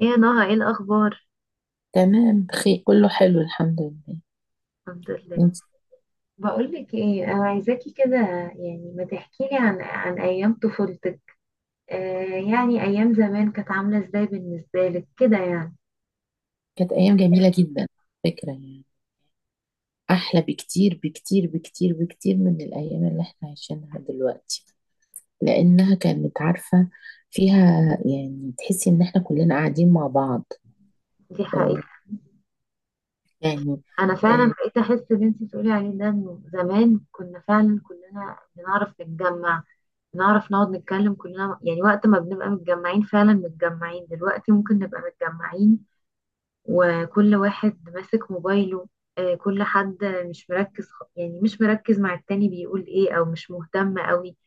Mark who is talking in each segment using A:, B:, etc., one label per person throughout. A: ايه يا نهى، ايه الاخبار؟
B: تمام، بخير، كله حلو الحمد لله.
A: الحمد لله.
B: انت؟
A: بقولك ايه، انا عايزاكي كده، يعني ما تحكيلي عن ايام طفولتك. آه، يعني ايام زمان كانت عامله ازاي بالنسبه لك كده يعني.
B: كانت ايام جميله جدا. فكره، يعني احلى بكتير بكتير بكتير بكتير من الايام اللي احنا عايشينها دلوقتي، لانها كانت عارفه فيها، يعني تحسي ان احنا كلنا قاعدين مع بعض.
A: دي حقيقة.
B: آه، يعني.
A: انا فعلا بقيت احس اللي انت بتقولي عليه ده، انه زمان كنا فعلا كلنا بنعرف نتجمع، بنعرف نقعد نتكلم كلنا، يعني وقت ما بنبقى متجمعين فعلا متجمعين. دلوقتي ممكن نبقى متجمعين وكل واحد ماسك موبايله. آه، كل حد مش مركز، يعني مش مركز مع التاني بيقول ايه، او مش مهتم قوي.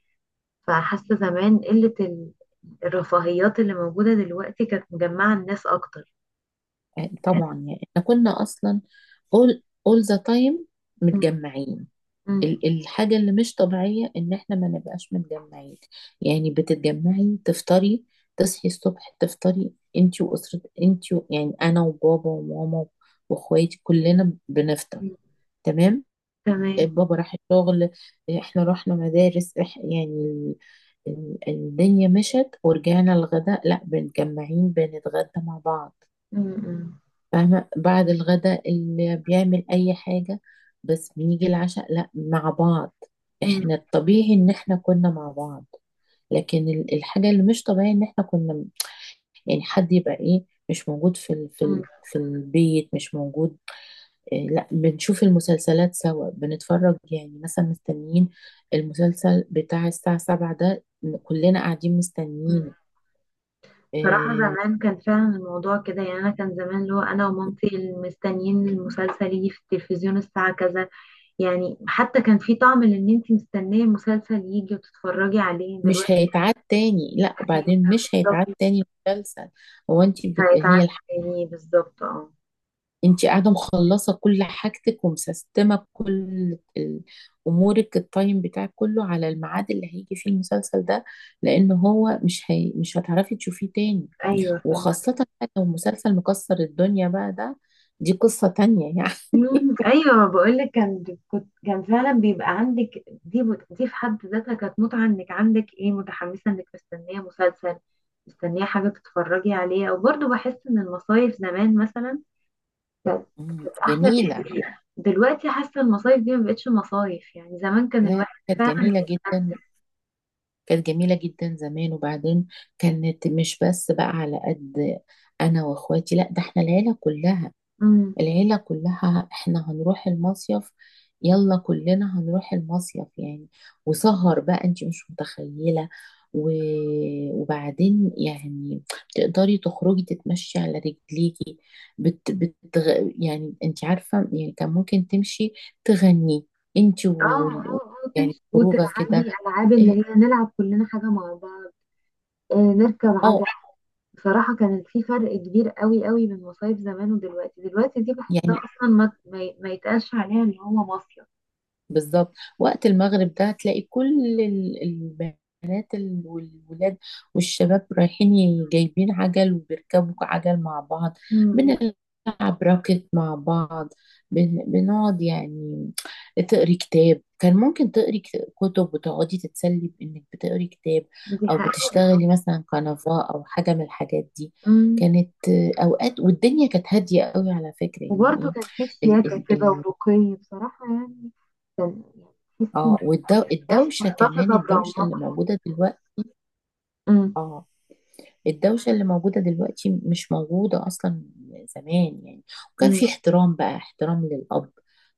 A: فحاسة زمان قلة الرفاهيات اللي موجودة دلوقتي كانت مجمعة الناس اكتر.
B: آه، طبعا، يعني احنا كنا اصلا all all the time
A: مم.
B: متجمعين.
A: مم.
B: الحاجة اللي مش طبيعية إن إحنا ما نبقاش متجمعين. يعني بتتجمعي تفطري. تصحي الصبح تفطري أنتي وأسرة يعني أنا وبابا وماما وإخواتي كلنا بنفطر.
A: مم.
B: تمام.
A: تمام.
B: بابا راح الشغل، إحنا رحنا مدارس يعني الدنيا مشت. ورجعنا الغداء، لأ بنتجمعين بنتغدى مع بعض.
A: مم. مم.
B: فاهمة؟ بعد الغداء اللي بيعمل أي حاجة. بس بنيجي العشاء لا مع بعض.
A: مم.
B: احنا الطبيعي ان احنا كنا مع بعض. لكن الحاجة اللي مش طبيعية ان احنا كنا، يعني حد يبقى ايه مش موجود
A: مم.
B: في البيت مش موجود. إيه، لا بنشوف المسلسلات سوا بنتفرج، يعني مثلا مستنيين المسلسل بتاع الساعة 7 ده، كلنا قاعدين
A: مم.
B: مستنيينه.
A: صراحة
B: آه،
A: زمان كان فعلا الموضوع كده، يعني أنا كان زمان اللي هو أنا ومامتي مستنيين المسلسل يجي في التلفزيون الساعة كذا، يعني حتى كان في طعم لان انت مستنيه مسلسل يجي وتتفرجي عليه
B: مش
A: دلوقتي.
B: هيتعاد تاني. لا
A: أيوة،
B: وبعدين مش هيتعاد
A: مصطفى.
B: تاني مسلسل. هو انت
A: مش
B: بت...
A: هيتعامل،
B: هي الح...
A: يعني بالظبط، اه.
B: انت قاعده مخلصه كل حاجتك ومسستمه كل ال- امورك. التايم بتاعك كله على الميعاد اللي هيجي فيه المسلسل ده. لان هو مش هتعرفي تشوفيه تاني.
A: ايوه، فاهمة.
B: وخاصه بقى لو مسلسل مكسر الدنيا بقى ده، دي قصه تانية يعني.
A: مم، ايوه، بقول لك كان فعلا بيبقى عندك دي دي في حد ذاتها كانت متعه، انك عندك ايه، متحمسه انك مستنيه مسلسل، مستنيه حاجه تتفرجي عليها. وبرضه بحس ان المصايف زمان مثلا كانت احلى
B: جميله.
A: بكتير. دلوقتي حاسه المصايف دي ما بقتش مصايف، يعني زمان كان
B: لا
A: الواحد
B: كانت
A: فعلا
B: جميله جدا.
A: بيستمتع.
B: كانت جميلة جدا زمان. وبعدين كانت مش بس بقى على قد أنا وأخواتي، لا ده احنا العيلة كلها.
A: امم،
B: العيلة كلها احنا هنروح المصيف. يلا كلنا هنروح المصيف يعني. وسهر بقى، انت مش متخيلة. و... وبعدين يعني تقدري تخرجي تتمشي على رجليكي. يعني انت عارفة، يعني كان ممكن تمشي تغني انت
A: اه،
B: و...
A: اه، اه،
B: يعني
A: تمشي
B: خروجة كده.
A: وتلعبي، العاب اللي
B: إيه،
A: هي نلعب كلنا حاجه مع بعض. آه، نركب عجل.
B: اه،
A: بصراحة كان في فرق كبير قوي قوي من مصايف زمان ودلوقتي. دلوقتي دي بحسها
B: يعني
A: أصلا ما يتقالش عليها إن هو مصيف.
B: بالظبط. وقت المغرب ده تلاقي كل البنات والولاد والشباب رايحين جايبين عجل وبيركبوا عجل مع بعض.
A: أمم.
B: بنلعب راكت مع بعض. بنقعد، يعني تقري كتاب، كان ممكن تقري كتب وتقعدي تتسلي بإنك بتقري كتاب.
A: دي
B: أو
A: حقيقة.
B: بتشتغلي مثلا كنفا أو حاجة من الحاجات دي.
A: أمم.
B: كانت أوقات، والدنيا كانت هادية قوي على فكرة
A: وبرضه
B: يعني.
A: كان في شياكة كده
B: إيه،
A: ورقي بصراحة، يعني كان يعني تحسي إن
B: اه،
A: العيش
B: والدوشة كمان
A: محتفظة
B: الدوشة اللي
A: برونقها.
B: موجودة دلوقتي.
A: أمم.
B: اه، الدوشة اللي موجودة دلوقتي مش موجودة أصلا زمان يعني. وكان
A: أمم.
B: في احترام بقى، احترام للأب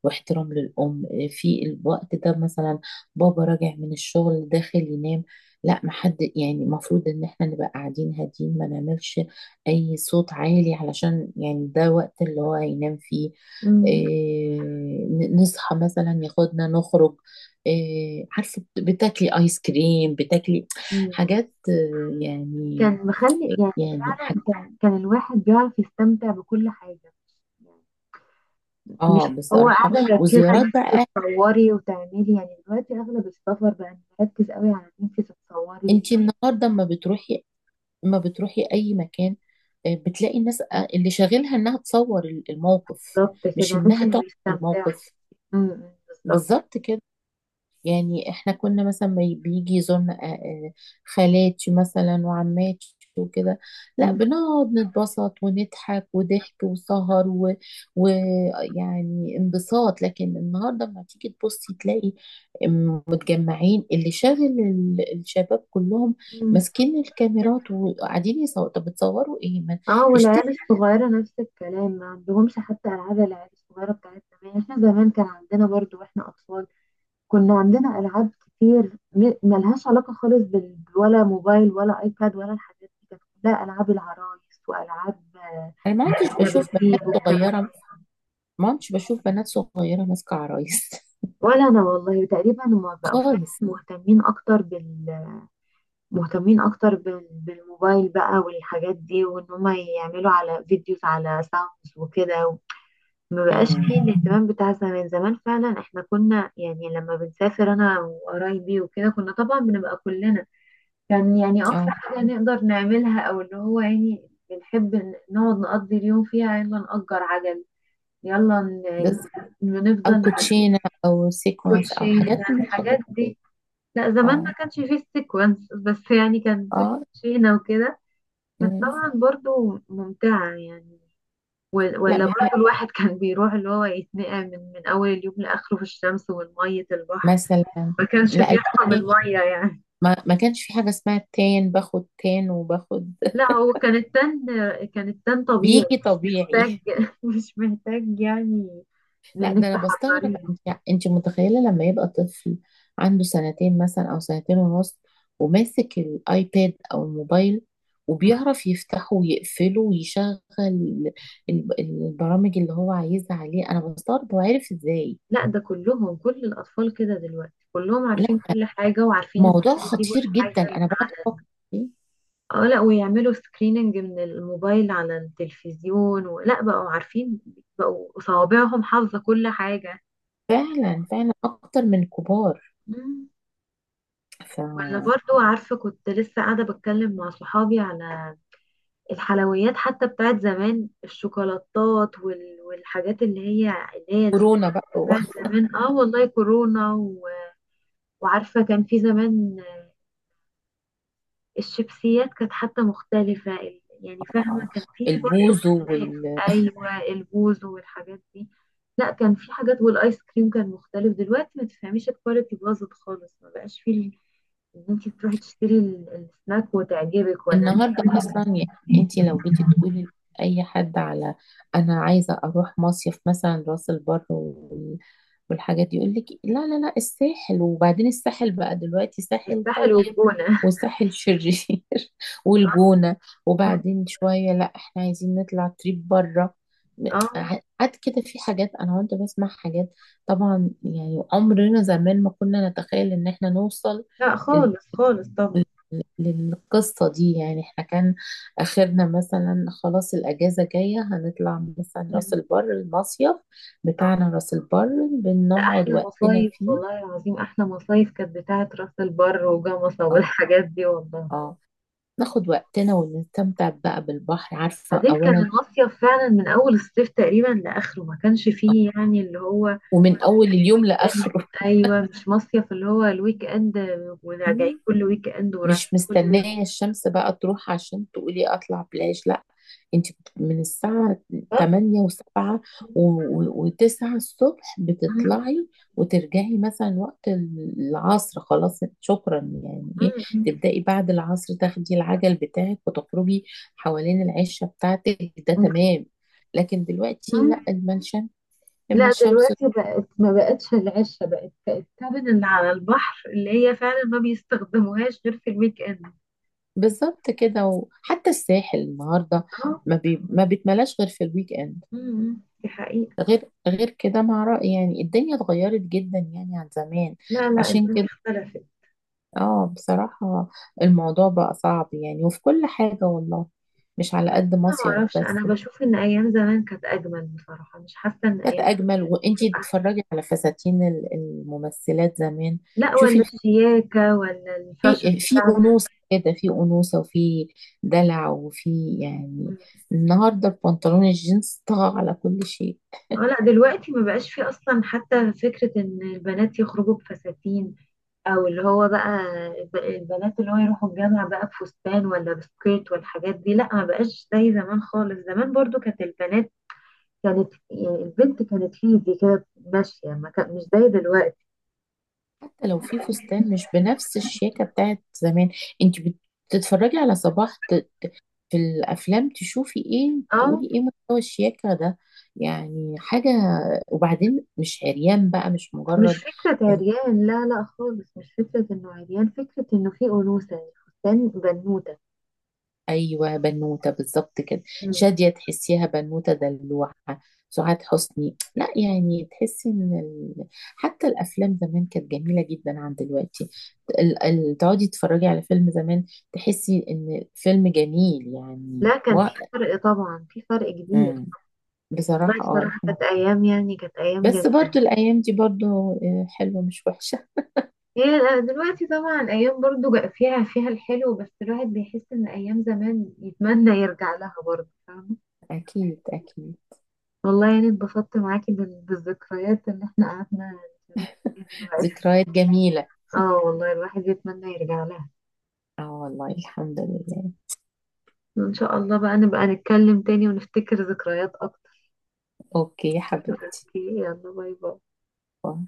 B: واحترام للأم. في الوقت ده مثلا بابا راجع من الشغل داخل ينام، لا محد. يعني المفروض ان احنا نبقى قاعدين هادين ما نعملش اي صوت عالي علشان، يعني ده وقت اللي هو هينام فيه.
A: أمم.
B: إيه، نصحى مثلا ياخدنا نخرج. إيه، عارفة بتاكلي ايس كريم، بتاكلي
A: أمم.
B: حاجات يعني.
A: كان مخلي يعني،
B: يعني
A: فعلا كان الواحد بيعرف يستمتع بكل حاجة. مش
B: اه،
A: هو
B: بصراحة.
A: قاعدة مركزة ان
B: وزيارات
A: انت
B: بقى،
A: تتصوري وتعملي، يعني دلوقتي اغلب السفر بقى مركز قوي على ان انت تتصوري.
B: انت النهاردة اما بتروحي اي مكان، بتلاقي الناس اللي شاغلها انها تصور الموقف،
A: بالظبط
B: مش
A: كده، مش
B: انها
A: انه
B: تقعد في
A: يستمتع.
B: الموقف.
A: امم. بالظبط.
B: بالظبط كده. يعني احنا كنا مثلا، ما بيجي يزورنا خالاتي مثلا وعماتي وكده. لا
A: أمم.
B: بنقعد نتبسط ونضحك وضحك وسهر ويعني انبساط. لكن النهارده لما تيجي تبصي تلاقي متجمعين، اللي شاغل الشباب كلهم
A: أمم.
B: ماسكين الكاميرات وقاعدين يصوروا. طب بتصوروا ايه؟ ما
A: اه،
B: اشتروا.
A: والعيال الصغيرة نفس الكلام، ما عندهمش حتى العاب. العيال الصغيرة بتاعت زمان، احنا زمان كان عندنا برضو واحنا اطفال، كنا عندنا العاب كتير ملهاش علاقة خالص بال، ولا موبايل، ولا ايباد، ولا الحاجات دي. كانت كلها العاب العرايس، والعاب، آه،
B: انا ما كنتش بشوف
A: الكباتيه
B: بنات
A: والكلام.
B: صغيره ما كنتش بشوف بنات صغيره ماسكه عرايس.
A: ولا انا والله تقريبا. هما بقوا فعلا
B: خالص.
A: مهتمين اكتر بالموبايل بقى والحاجات دي، وان هما يعملوا على فيديوز، على ساوندز وكده. ما بقاش
B: امم
A: فيه الاهتمام بتاع زمان. زمان فعلا احنا كنا، يعني لما بنسافر انا وقرايبي وكده، كنا طبعا بنبقى كلنا. كان يعني اقصى
B: اه،
A: حاجة نقدر نعملها، او اللي هو يعني بنحب نقعد نقضي اليوم فيها، يلا نأجر عجل، يلا
B: بس او
A: نفضل.
B: كوتشينه او سيكونس او
A: كوتشي
B: حاجات من
A: الحاجات
B: الحاجات دي.
A: دي. لا زمان ما
B: اه،
A: كانش فيه السيكونس، بس يعني كان فيه
B: اه،
A: كوتشينة وكده. كانت
B: مم.
A: طبعا برضو ممتعة يعني.
B: لا
A: ولا
B: ما هي
A: برضو الواحد كان بيروح اللي هو يتنقع من أول اليوم لآخره في الشمس والمية البحر.
B: مثلا.
A: ما كانش
B: لا
A: بيرحم
B: البنطي.
A: المية يعني.
B: ما كانش في حاجه اسمها تان. باخد تان وباخد
A: لا هو كان التن، كان التن طبيعي
B: بيجي
A: مش
B: طبيعي.
A: محتاج مش محتاج، يعني
B: لا
A: إنك
B: ده انا بستغرب،
A: تحضريه.
B: انت متخيله لما يبقى طفل عنده سنتين مثلا، او سنتين ونص، وماسك الايباد او الموبايل، وبيعرف يفتحه ويقفله ويشغل البرامج اللي هو عايزها عليه. انا بستغرب هو عارف ازاي.
A: لا ده كل الأطفال كده دلوقتي كلهم
B: لا،
A: عارفين كل حاجة، وعارفين
B: موضوع
A: ازاي يجيبوا
B: خطير جدا،
A: الحاجة.
B: انا بقعد افكر فيه.
A: اه، لا ويعملوا سكريننج من الموبايل على التلفزيون، ولا بقوا عارفين، بقوا صوابعهم حافظة كل حاجة.
B: فعلا فعلا اكتر من الكبار.
A: مم. ولا برضو عارفة، كنت لسه قاعدة بتكلم مع صحابي على الحلويات حتى بتاعت زمان، الشوكولاتات والحاجات اللي هي
B: فكورونا بقى
A: بتاعت زمان. اه والله، كورونا و... وعارفة كان في زمان الشيبسيات كانت حتى مختلفة، يعني فاهمة كان في برضه
B: البوز
A: اختلاف. أيوة، البوز والحاجات دي. لا كان في حاجات، والآيس كريم كان مختلف. دلوقتي ما تفهميش، الكواليتي باظت خالص. ما بقاش في إن أنت تروحي تشتري السناك وتعجبك، ولا
B: النهارده اصلا يعني. انت لو جيتي تقولي لاي حد على، انا عايزه اروح مصيف مثلا راس البر والحاجات دي، يقول لك إيه؟ لا لا لا، الساحل. وبعدين الساحل بقى دلوقتي ساحل
A: الساحل
B: طيب
A: والجونة.
B: وساحل شرير.
A: اه.
B: والجونة. وبعدين شوية لا احنا عايزين نطلع تريب بره.
A: آه.
B: قعد كده في حاجات، انا وانت بسمع حاجات. طبعا، يعني عمرنا زمان ما كنا نتخيل ان احنا نوصل
A: لا خالص خالص طبعا.
B: للقصة دي يعني. احنا كان آخرنا مثلا خلاص، الأجازة جاية هنطلع مثلا راس
A: مم.
B: البر، المصيف
A: آه.
B: بتاعنا راس البر.
A: ده
B: بنقعد
A: أحلى
B: وقتنا
A: مصايف،
B: فيه.
A: والله العظيم أحلى مصايف كانت بتاعت راس البر وجمصة
B: اه،
A: والحاجات دي، والله.
B: آه، ناخد وقتنا ونستمتع بقى بالبحر. عارفة؟
A: بعدين كان
B: أولا،
A: المصيف فعلا من اول الصيف تقريبا لاخره، ما كانش فيه يعني اللي هو
B: ومن أول
A: مصيف
B: اليوم
A: ويك اند.
B: لآخره.
A: ايوه، مش مصيف اللي هو الويك اند، وراجعين كل ويك اند ورايحين
B: مش
A: كل ويك
B: مستنية الشمس بقى تروح عشان تقولي أطلع بلاش. لأ، أنت من الساعة
A: اند.
B: 8 و7 و9 الصبح
A: مم.
B: بتطلعي. وترجعي مثلا وقت العصر، خلاص شكرا يعني. إيه
A: مم.
B: تبدأي بعد العصر، تاخدي العجل بتاعك وتخرجي حوالين العشة بتاعتك، ده
A: مم.
B: تمام. لكن دلوقتي لأ،
A: مم.
B: لما
A: لا
B: الشمس
A: دلوقتي ما بقتش العشة، بقت الكابن اللي على البحر اللي هي فعلا ما بيستخدموهاش غير في الويك اند.
B: بالظبط كده. وحتى الساحل النهاردة
A: اه.
B: ما بيتملاش غير في الويك إند.
A: مم. دي حقيقة.
B: غير كده، مع رأي يعني. الدنيا اتغيرت جدا يعني عن زمان.
A: لا لا،
B: عشان
A: الدنيا
B: كده
A: اختلفت.
B: اه، بصراحة الموضوع بقى صعب يعني وفي كل حاجة والله، مش على قد
A: انا ما
B: مصيف
A: اعرفش،
B: بس.
A: انا بشوف ان ايام زمان كانت اجمل بصراحه، مش حاسه ان
B: كانت
A: ايام
B: أجمل. وانتي
A: بتبقى احلى.
B: تتفرجي على فساتين الممثلات زمان.
A: لا،
B: شوفي
A: ولا الشياكه ولا الفاشن
B: في
A: بتاع زمان.
B: أنوثة كده، في أنوثة وفي دلع وفي، يعني النهاردة البنطلون الجينز طغى على كل شيء.
A: اه، لا دلوقتي ما بقاش في اصلا حتى فكره ان البنات يخرجوا بفساتين، او اللي هو بقى البنات اللي هو يروحوا الجامعه بقى بفستان، ولا بسكيرت والحاجات دي. لا ما بقاش زي زمان خالص. زمان برضو كانت البنات كانت، يعني البنت كانت في ايدي كده ماشيه، ما كان مش زي دلوقتي.
B: حتى لو في فستان مش بنفس الشياكة بتاعت زمان، انت بتتفرجي على صباح في الافلام، تشوفي ايه
A: اه،
B: تقولي ايه مستوى الشياكة ده. يعني حاجة. وبعدين مش عريان بقى، مش
A: مش
B: مجرد.
A: فكرة عريان، لا لا خالص، مش فكرة انه عريان، فكرة انه في أنوثة. الفستان بنوتة.
B: ايوه بنوته بالظبط كده.
A: مم.
B: شاديه تحسيها بنوته دلوعه. سعاد حسني، لا يعني تحسي ان حتى الافلام زمان كانت جميله جدا عن دلوقتي. تقعدي تتفرجي على فيلم زمان، تحسي ان فيلم جميل يعني
A: لا، كان في فرق طبعا، في فرق كبير.
B: مم.
A: والله
B: بصراحه اه،
A: بصراحة
B: الحمد
A: كانت أيام، يعني كانت
B: لله.
A: أيام
B: بس
A: جميلة.
B: برضو الايام دي برضو حلوه مش وحشه.
A: هي دلوقتي طبعا ايام برضو فيها الحلو، بس الواحد بيحس ان ايام زمان يتمنى يرجع لها برضو، فاهمة.
B: اكيد، اكيد.
A: والله يعني اتبسطت معاكي بالذكريات اللي احنا قعدنا نشارك فيها دلوقتي.
B: ذكريات جميله.
A: اه والله، الواحد يتمنى يرجع لها.
B: اه والله، الحمد لله.
A: ان شاء الله بقى نبقى نتكلم تاني ونفتكر ذكريات اكتر.
B: اوكي يا حبيبتي.
A: اوكي، يلا باي باي.
B: باي.